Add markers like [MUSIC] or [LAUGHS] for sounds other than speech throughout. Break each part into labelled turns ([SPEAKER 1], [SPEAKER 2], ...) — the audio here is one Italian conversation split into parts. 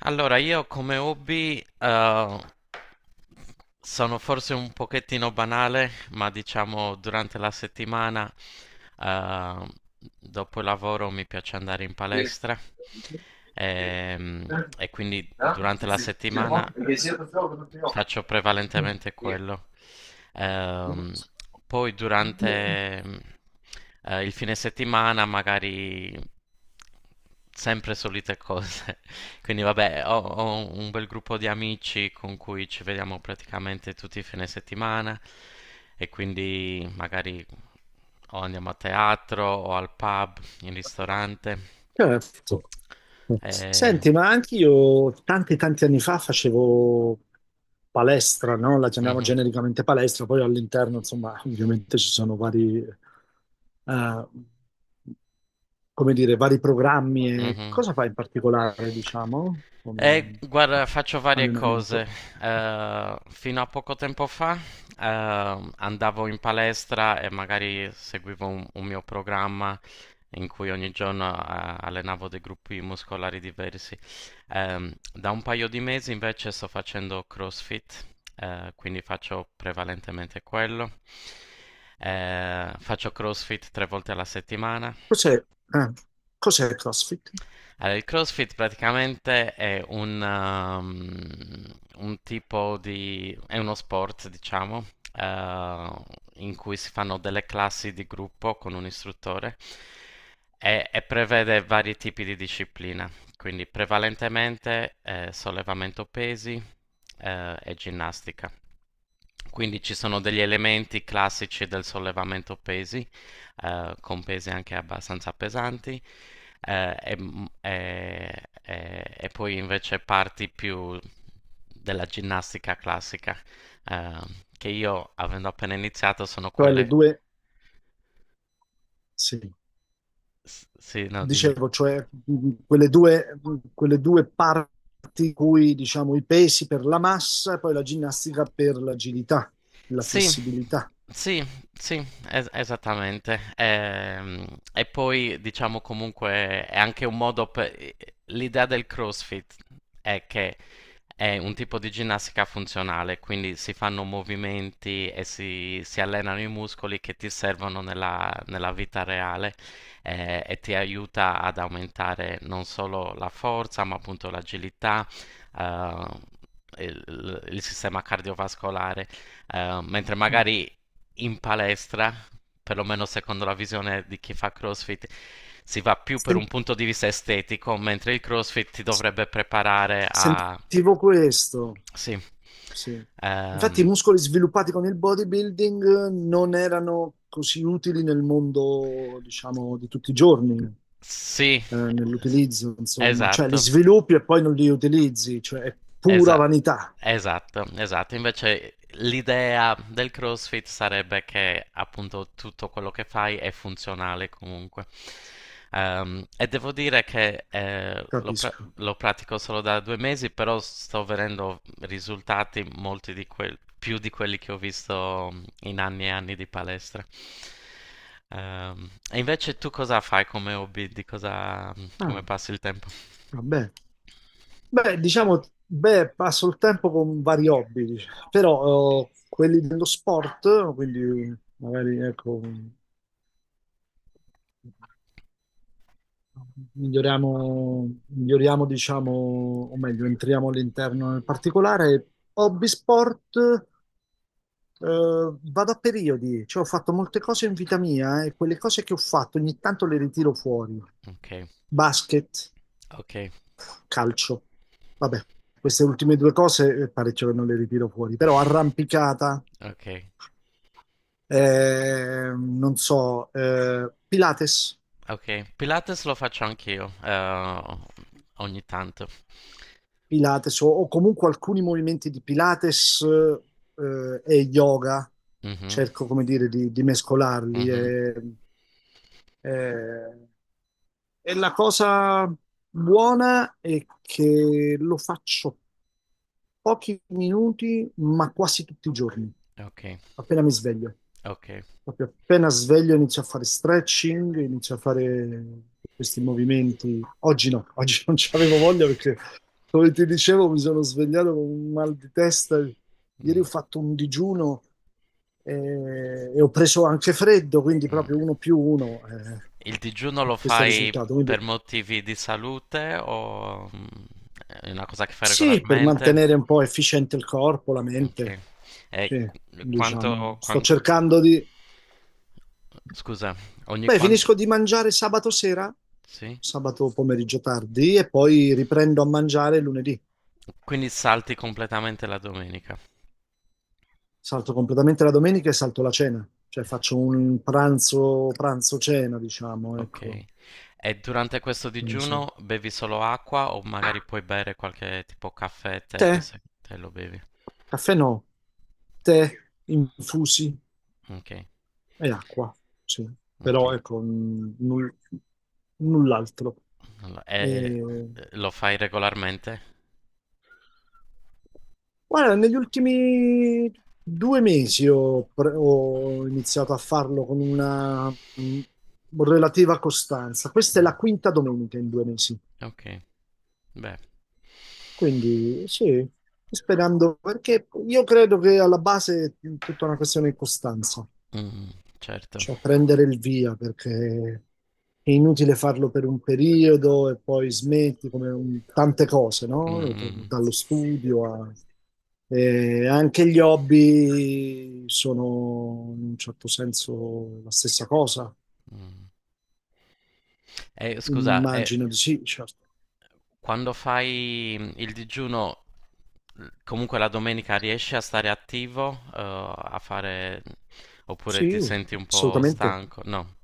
[SPEAKER 1] Allora, io come hobby sono forse un pochettino banale, ma diciamo durante la settimana, eh, dopo il lavoro mi piace andare in palestra ehm, e quindi durante la settimana faccio prevalentemente quello. Ehm, Poi durante il fine settimana magari sempre solite cose. [LAUGHS] Quindi vabbè, ho un bel gruppo di amici con cui ci vediamo praticamente tutti i fine settimana e quindi magari o andiamo a teatro o al pub, in ristorante.
[SPEAKER 2] Certo, certo.
[SPEAKER 1] Eh,
[SPEAKER 2] Senti, ma anche io tanti anni fa facevo palestra, no? La chiamiamo
[SPEAKER 1] mhm,
[SPEAKER 2] genericamente palestra, poi all'interno, insomma, [LAUGHS] ovviamente ci sono eh, come dire, vari programmi. E
[SPEAKER 1] mhm.
[SPEAKER 2] cosa fai in particolare, diciamo, come
[SPEAKER 1] Guarda, faccio varie cose.
[SPEAKER 2] allenamento?
[SPEAKER 1] Fino a poco tempo fa, andavo in palestra e magari seguivo un mio programma in cui ogni giorno, allenavo dei gruppi muscolari diversi. Da un paio di mesi invece sto facendo CrossFit, quindi faccio prevalentemente quello. Faccio CrossFit tre volte alla settimana.
[SPEAKER 2] Cos'è? Cos'è il CrossFit?
[SPEAKER 1] Allora, il CrossFit praticamente è un tipo di. È uno sport, diciamo, eh, in cui si fanno delle classi di gruppo con un istruttore e prevede vari tipi di disciplina, quindi prevalentemente sollevamento pesi e ginnastica. Quindi ci sono degli elementi classici del sollevamento pesi, con pesi anche abbastanza pesanti, e poi invece parti più della ginnastica classica, eh, che io, avendo appena iniziato, sono
[SPEAKER 2] Cioè le
[SPEAKER 1] quelle.
[SPEAKER 2] due, sì.
[SPEAKER 1] Sì, no, dimmi.
[SPEAKER 2] Dicevo, cioè quelle due parti in cui diciamo i pesi per la massa e poi la ginnastica per l'agilità, la
[SPEAKER 1] Sì,
[SPEAKER 2] flessibilità.
[SPEAKER 1] sì, sì, esattamente. E poi diciamo comunque è anche un modo per. L'idea del CrossFit è che è un tipo di ginnastica funzionale, quindi si fanno movimenti e si allenano i muscoli che ti servono nella vita reale e ti aiuta ad aumentare non solo la forza, ma appunto l'agilità, eh, il sistema cardiovascolare. Mentre
[SPEAKER 2] Mm.
[SPEAKER 1] magari in palestra, perlomeno secondo la visione di chi fa CrossFit, si va più per
[SPEAKER 2] Sen-
[SPEAKER 1] un punto di vista estetico, mentre il CrossFit ti dovrebbe preparare a.
[SPEAKER 2] Sentivo questo,
[SPEAKER 1] Sì,
[SPEAKER 2] sì. Infatti i
[SPEAKER 1] Ehm,
[SPEAKER 2] muscoli sviluppati con il bodybuilding non erano così utili nel mondo, diciamo, di tutti i giorni,
[SPEAKER 1] sì, es-
[SPEAKER 2] nell'utilizzo, insomma. Cioè li
[SPEAKER 1] esatto.
[SPEAKER 2] sviluppi e poi non li utilizzi, cioè è pura
[SPEAKER 1] Esa-
[SPEAKER 2] vanità,
[SPEAKER 1] esatto, esatto. Invece l'idea del CrossFit sarebbe che appunto tutto quello che fai è funzionale comunque. E devo dire che
[SPEAKER 2] capisco.
[SPEAKER 1] lo pratico solo da 2 mesi, però sto vedendo risultati molti di più di quelli che ho visto in anni e anni di palestra. E invece tu cosa fai come hobby? Di cosa,
[SPEAKER 2] Ah,
[SPEAKER 1] come passi il tempo?
[SPEAKER 2] vabbè. Beh, diciamo, beh, passo il tempo con vari hobby, diciamo. Però quelli dello sport, quindi magari ecco, miglioriamo, diciamo, o meglio, entriamo all'interno nel particolare. Hobby sport, vado a periodi, cioè ho fatto molte cose in vita mia e quelle cose che ho fatto ogni tanto le ritiro fuori.
[SPEAKER 1] Ok,
[SPEAKER 2] Basket,
[SPEAKER 1] ok,
[SPEAKER 2] calcio. Vabbè, queste ultime due cose parecchio che non le ritiro fuori, però arrampicata,
[SPEAKER 1] [LAUGHS] ok,
[SPEAKER 2] non so, Pilates,
[SPEAKER 1] ok. Pilates lo faccio anch'io, ogni tanto.
[SPEAKER 2] Pilates o comunque alcuni movimenti di Pilates e yoga,
[SPEAKER 1] Mhm,
[SPEAKER 2] cerco come dire di mescolarli.
[SPEAKER 1] mhm.
[SPEAKER 2] E, e- e la cosa buona è che lo faccio pochi minuti, ma quasi tutti i giorni,
[SPEAKER 1] Ok,
[SPEAKER 2] appena mi sveglio.
[SPEAKER 1] ok.
[SPEAKER 2] Proprio appena sveglio inizio a fare stretching, inizio a fare questi movimenti. Oggi no, [LAUGHS] oggi non c'avevo voglia perché, come ti dicevo, mi sono svegliato con un mal di testa. Ieri ho
[SPEAKER 1] Mm,
[SPEAKER 2] fatto un digiuno e ho preso anche freddo, quindi
[SPEAKER 1] mm.
[SPEAKER 2] proprio uno più uno.
[SPEAKER 1] Il digiuno lo
[SPEAKER 2] Questo è il
[SPEAKER 1] fai
[SPEAKER 2] risultato. Quindi
[SPEAKER 1] per motivi di salute o è una cosa che fai
[SPEAKER 2] sì, per mantenere
[SPEAKER 1] regolarmente?
[SPEAKER 2] un po' efficiente il corpo, la
[SPEAKER 1] Ok.
[SPEAKER 2] mente.
[SPEAKER 1] E
[SPEAKER 2] Sì, diciamo,
[SPEAKER 1] quanto,
[SPEAKER 2] sto
[SPEAKER 1] quan-
[SPEAKER 2] cercando di.
[SPEAKER 1] Scusa, ogni
[SPEAKER 2] Beh,
[SPEAKER 1] quanto.
[SPEAKER 2] finisco di mangiare sabato sera,
[SPEAKER 1] Sì?
[SPEAKER 2] sabato pomeriggio tardi, e poi riprendo a mangiare lunedì.
[SPEAKER 1] Quindi salti completamente la domenica.
[SPEAKER 2] Salto completamente la domenica e salto la cena, cioè
[SPEAKER 1] Es-
[SPEAKER 2] faccio un pranzo, pranzo-cena, diciamo, ecco.
[SPEAKER 1] Ok. E durante questo
[SPEAKER 2] Sì.
[SPEAKER 1] digiuno bevi solo acqua o magari puoi bere qualche tipo caffè, tè,
[SPEAKER 2] Tè,
[SPEAKER 1] queste te lo bevi?
[SPEAKER 2] caffè no, tè, infusi
[SPEAKER 1] Ok,
[SPEAKER 2] e acqua, sì.
[SPEAKER 1] ok.
[SPEAKER 2] Però ecco, null'altro.
[SPEAKER 1] Allora, e
[SPEAKER 2] E...
[SPEAKER 1] lo fai regolarmente?
[SPEAKER 2] Guarda, negli ultimi due mesi ho iniziato a farlo con una relativa costanza. Questa è
[SPEAKER 1] Mh,
[SPEAKER 2] la quinta domenica in due mesi.
[SPEAKER 1] okay. Beh,
[SPEAKER 2] Quindi sì, sperando, perché io credo che alla base è tutta una questione di costanza,
[SPEAKER 1] mh-mh, certo.
[SPEAKER 2] cioè prendere il via, perché è inutile farlo per un periodo e poi smetti come tante cose, no?
[SPEAKER 1] Mh-mh,
[SPEAKER 2] Dallo studio a... e anche gli hobby sono in un certo senso la stessa cosa,
[SPEAKER 1] mh. E scusa, e
[SPEAKER 2] immagino di sì, certo.
[SPEAKER 1] quando fai, il digiuno, l comunque la domenica riesci a stare attivo, a fare oppure ti
[SPEAKER 2] Sì,
[SPEAKER 1] senti un po'
[SPEAKER 2] assolutamente.
[SPEAKER 1] stanco? No,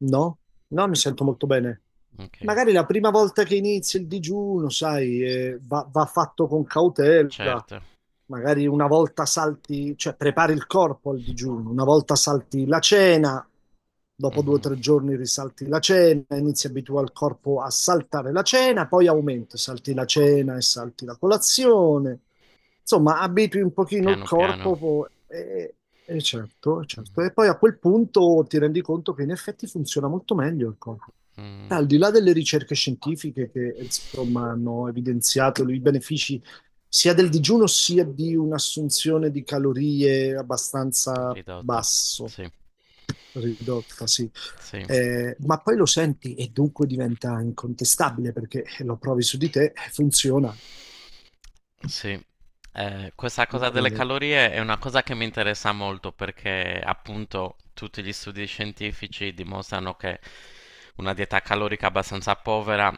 [SPEAKER 2] No, no, mi sento molto bene.
[SPEAKER 1] okay,
[SPEAKER 2] Magari la prima volta che inizia il digiuno, sai, va fatto con cautela.
[SPEAKER 1] certo.
[SPEAKER 2] Magari una volta salti, cioè prepari il corpo al digiuno, una volta salti la cena, dopo due o
[SPEAKER 1] Mh-mh.
[SPEAKER 2] tre giorni risalti la cena, inizi a abituare il corpo a saltare la cena, poi aumenti, salti la cena e salti la colazione. Insomma, abitui un pochino il
[SPEAKER 1] Piano, piano.
[SPEAKER 2] corpo e certo,
[SPEAKER 1] Mh-mh.
[SPEAKER 2] certo. E poi a quel punto ti rendi conto che in effetti funziona molto meglio il corpo.
[SPEAKER 1] Mh,
[SPEAKER 2] Al di là delle ricerche scientifiche che insomma hanno evidenziato i benefici sia del digiuno sia di un'assunzione di calorie abbastanza
[SPEAKER 1] ridotta.
[SPEAKER 2] basso,
[SPEAKER 1] Sì.
[SPEAKER 2] ridotta, sì.
[SPEAKER 1] Sì.
[SPEAKER 2] Ma poi lo senti e dunque diventa incontestabile perché lo provi su di te e funziona.
[SPEAKER 1] Sì, questa cosa delle
[SPEAKER 2] Dunque.
[SPEAKER 1] calorie è una cosa che mi interessa molto perché appunto tutti gli studi scientifici dimostrano che una dieta calorica abbastanza povera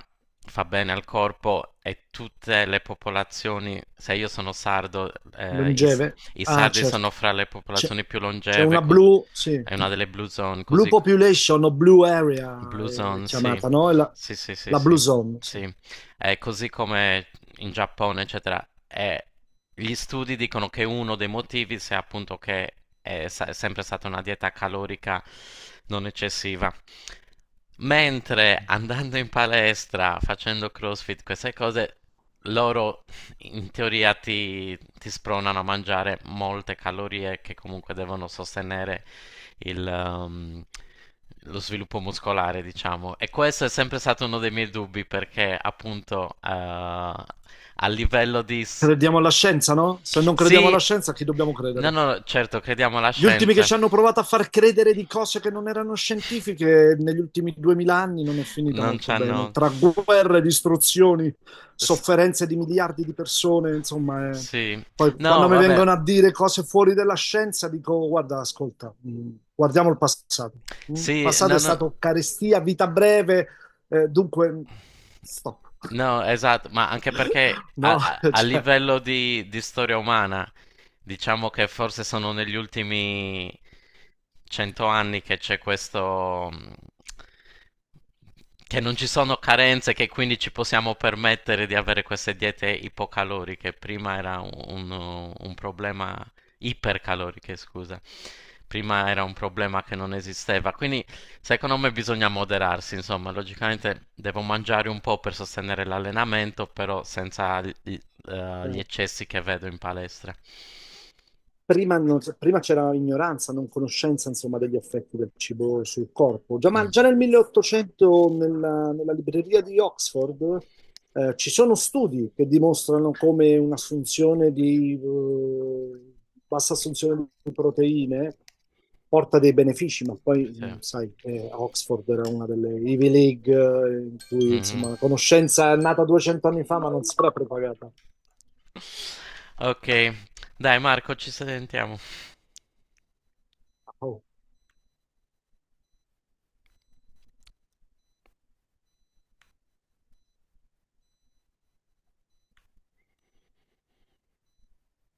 [SPEAKER 1] fa bene al corpo e tutte le popolazioni, se io sono sardo, eh, i, s-
[SPEAKER 2] Longeve?
[SPEAKER 1] i
[SPEAKER 2] Ah,
[SPEAKER 1] sardi sono
[SPEAKER 2] certo.
[SPEAKER 1] fra le
[SPEAKER 2] C'è
[SPEAKER 1] popolazioni più
[SPEAKER 2] c'è
[SPEAKER 1] longeve,
[SPEAKER 2] una blue, sì,
[SPEAKER 1] è una delle blue zone,
[SPEAKER 2] blue
[SPEAKER 1] così.
[SPEAKER 2] population o blue area
[SPEAKER 1] Blue
[SPEAKER 2] è
[SPEAKER 1] Zone, sì.
[SPEAKER 2] chiamata, no? È la,
[SPEAKER 1] Sì, sì, sì,
[SPEAKER 2] la blue
[SPEAKER 1] sì.
[SPEAKER 2] zone, sì.
[SPEAKER 1] Sì. È così come in Giappone, eccetera. Gli studi dicono che uno dei motivi sia appunto che è sempre stata una dieta calorica non eccessiva. Mentre andando in palestra, facendo CrossFit, queste cose, loro in teoria ti spronano a mangiare molte calorie che comunque devono sostenere il, ehm, lo sviluppo muscolare, diciamo. E questo è sempre stato uno dei miei dubbi perché appunto a livello di.
[SPEAKER 2] Crediamo alla scienza, no? Se non crediamo
[SPEAKER 1] Sì,
[SPEAKER 2] alla scienza, a chi dobbiamo
[SPEAKER 1] no,
[SPEAKER 2] credere?
[SPEAKER 1] no, certo, crediamo alla
[SPEAKER 2] Gli ultimi che
[SPEAKER 1] scienza.
[SPEAKER 2] ci hanno provato a far credere di cose che non erano scientifiche negli ultimi duemila anni non è finita
[SPEAKER 1] Non
[SPEAKER 2] molto bene.
[SPEAKER 1] c'hanno...
[SPEAKER 2] Tra guerre, distruzioni,
[SPEAKER 1] s-
[SPEAKER 2] sofferenze di miliardi di persone, insomma, è-
[SPEAKER 1] Sì,
[SPEAKER 2] poi
[SPEAKER 1] no,
[SPEAKER 2] quando mi
[SPEAKER 1] vabbè,
[SPEAKER 2] vengono a dire cose fuori della scienza, dico: guarda, ascolta, guardiamo il passato. Mm, il
[SPEAKER 1] sì,
[SPEAKER 2] passato è
[SPEAKER 1] no, no.
[SPEAKER 2] stato carestia, vita breve, dunque, stop.
[SPEAKER 1] No, esatto, ma anche perché
[SPEAKER 2] [LAUGHS]
[SPEAKER 1] a,
[SPEAKER 2] No,
[SPEAKER 1] a- a
[SPEAKER 2] cioè,
[SPEAKER 1] livello di, storia umana, diciamo che forse sono negli ultimi 100 anni che c'è questo, che non ci sono carenze, che quindi ci possiamo permettere di avere queste diete ipocaloriche. Prima era un problema ipercaloriche, scusa. Prima era un problema che non esisteva, quindi secondo me bisogna moderarsi, insomma, logicamente devo mangiare un po' per sostenere l'allenamento, però senza gli
[SPEAKER 2] eh.
[SPEAKER 1] eccessi che vedo in palestra.
[SPEAKER 2] Prima c'era ignoranza, non conoscenza, insomma, degli effetti del cibo sul corpo. Già, ma
[SPEAKER 1] Mm,
[SPEAKER 2] già nel 1800, nella libreria di Oxford, ci sono studi che dimostrano come un'assunzione di, bassa assunzione di proteine porta dei benefici, ma poi,
[SPEAKER 1] sì.
[SPEAKER 2] sai, Oxford era una delle Ivy League, in cui, insomma,
[SPEAKER 1] Mhm.
[SPEAKER 2] la conoscenza è nata 200 anni fa, ma non si era propagata.
[SPEAKER 1] Ok, dai Marco, ci sentiamo.
[SPEAKER 2] Oh.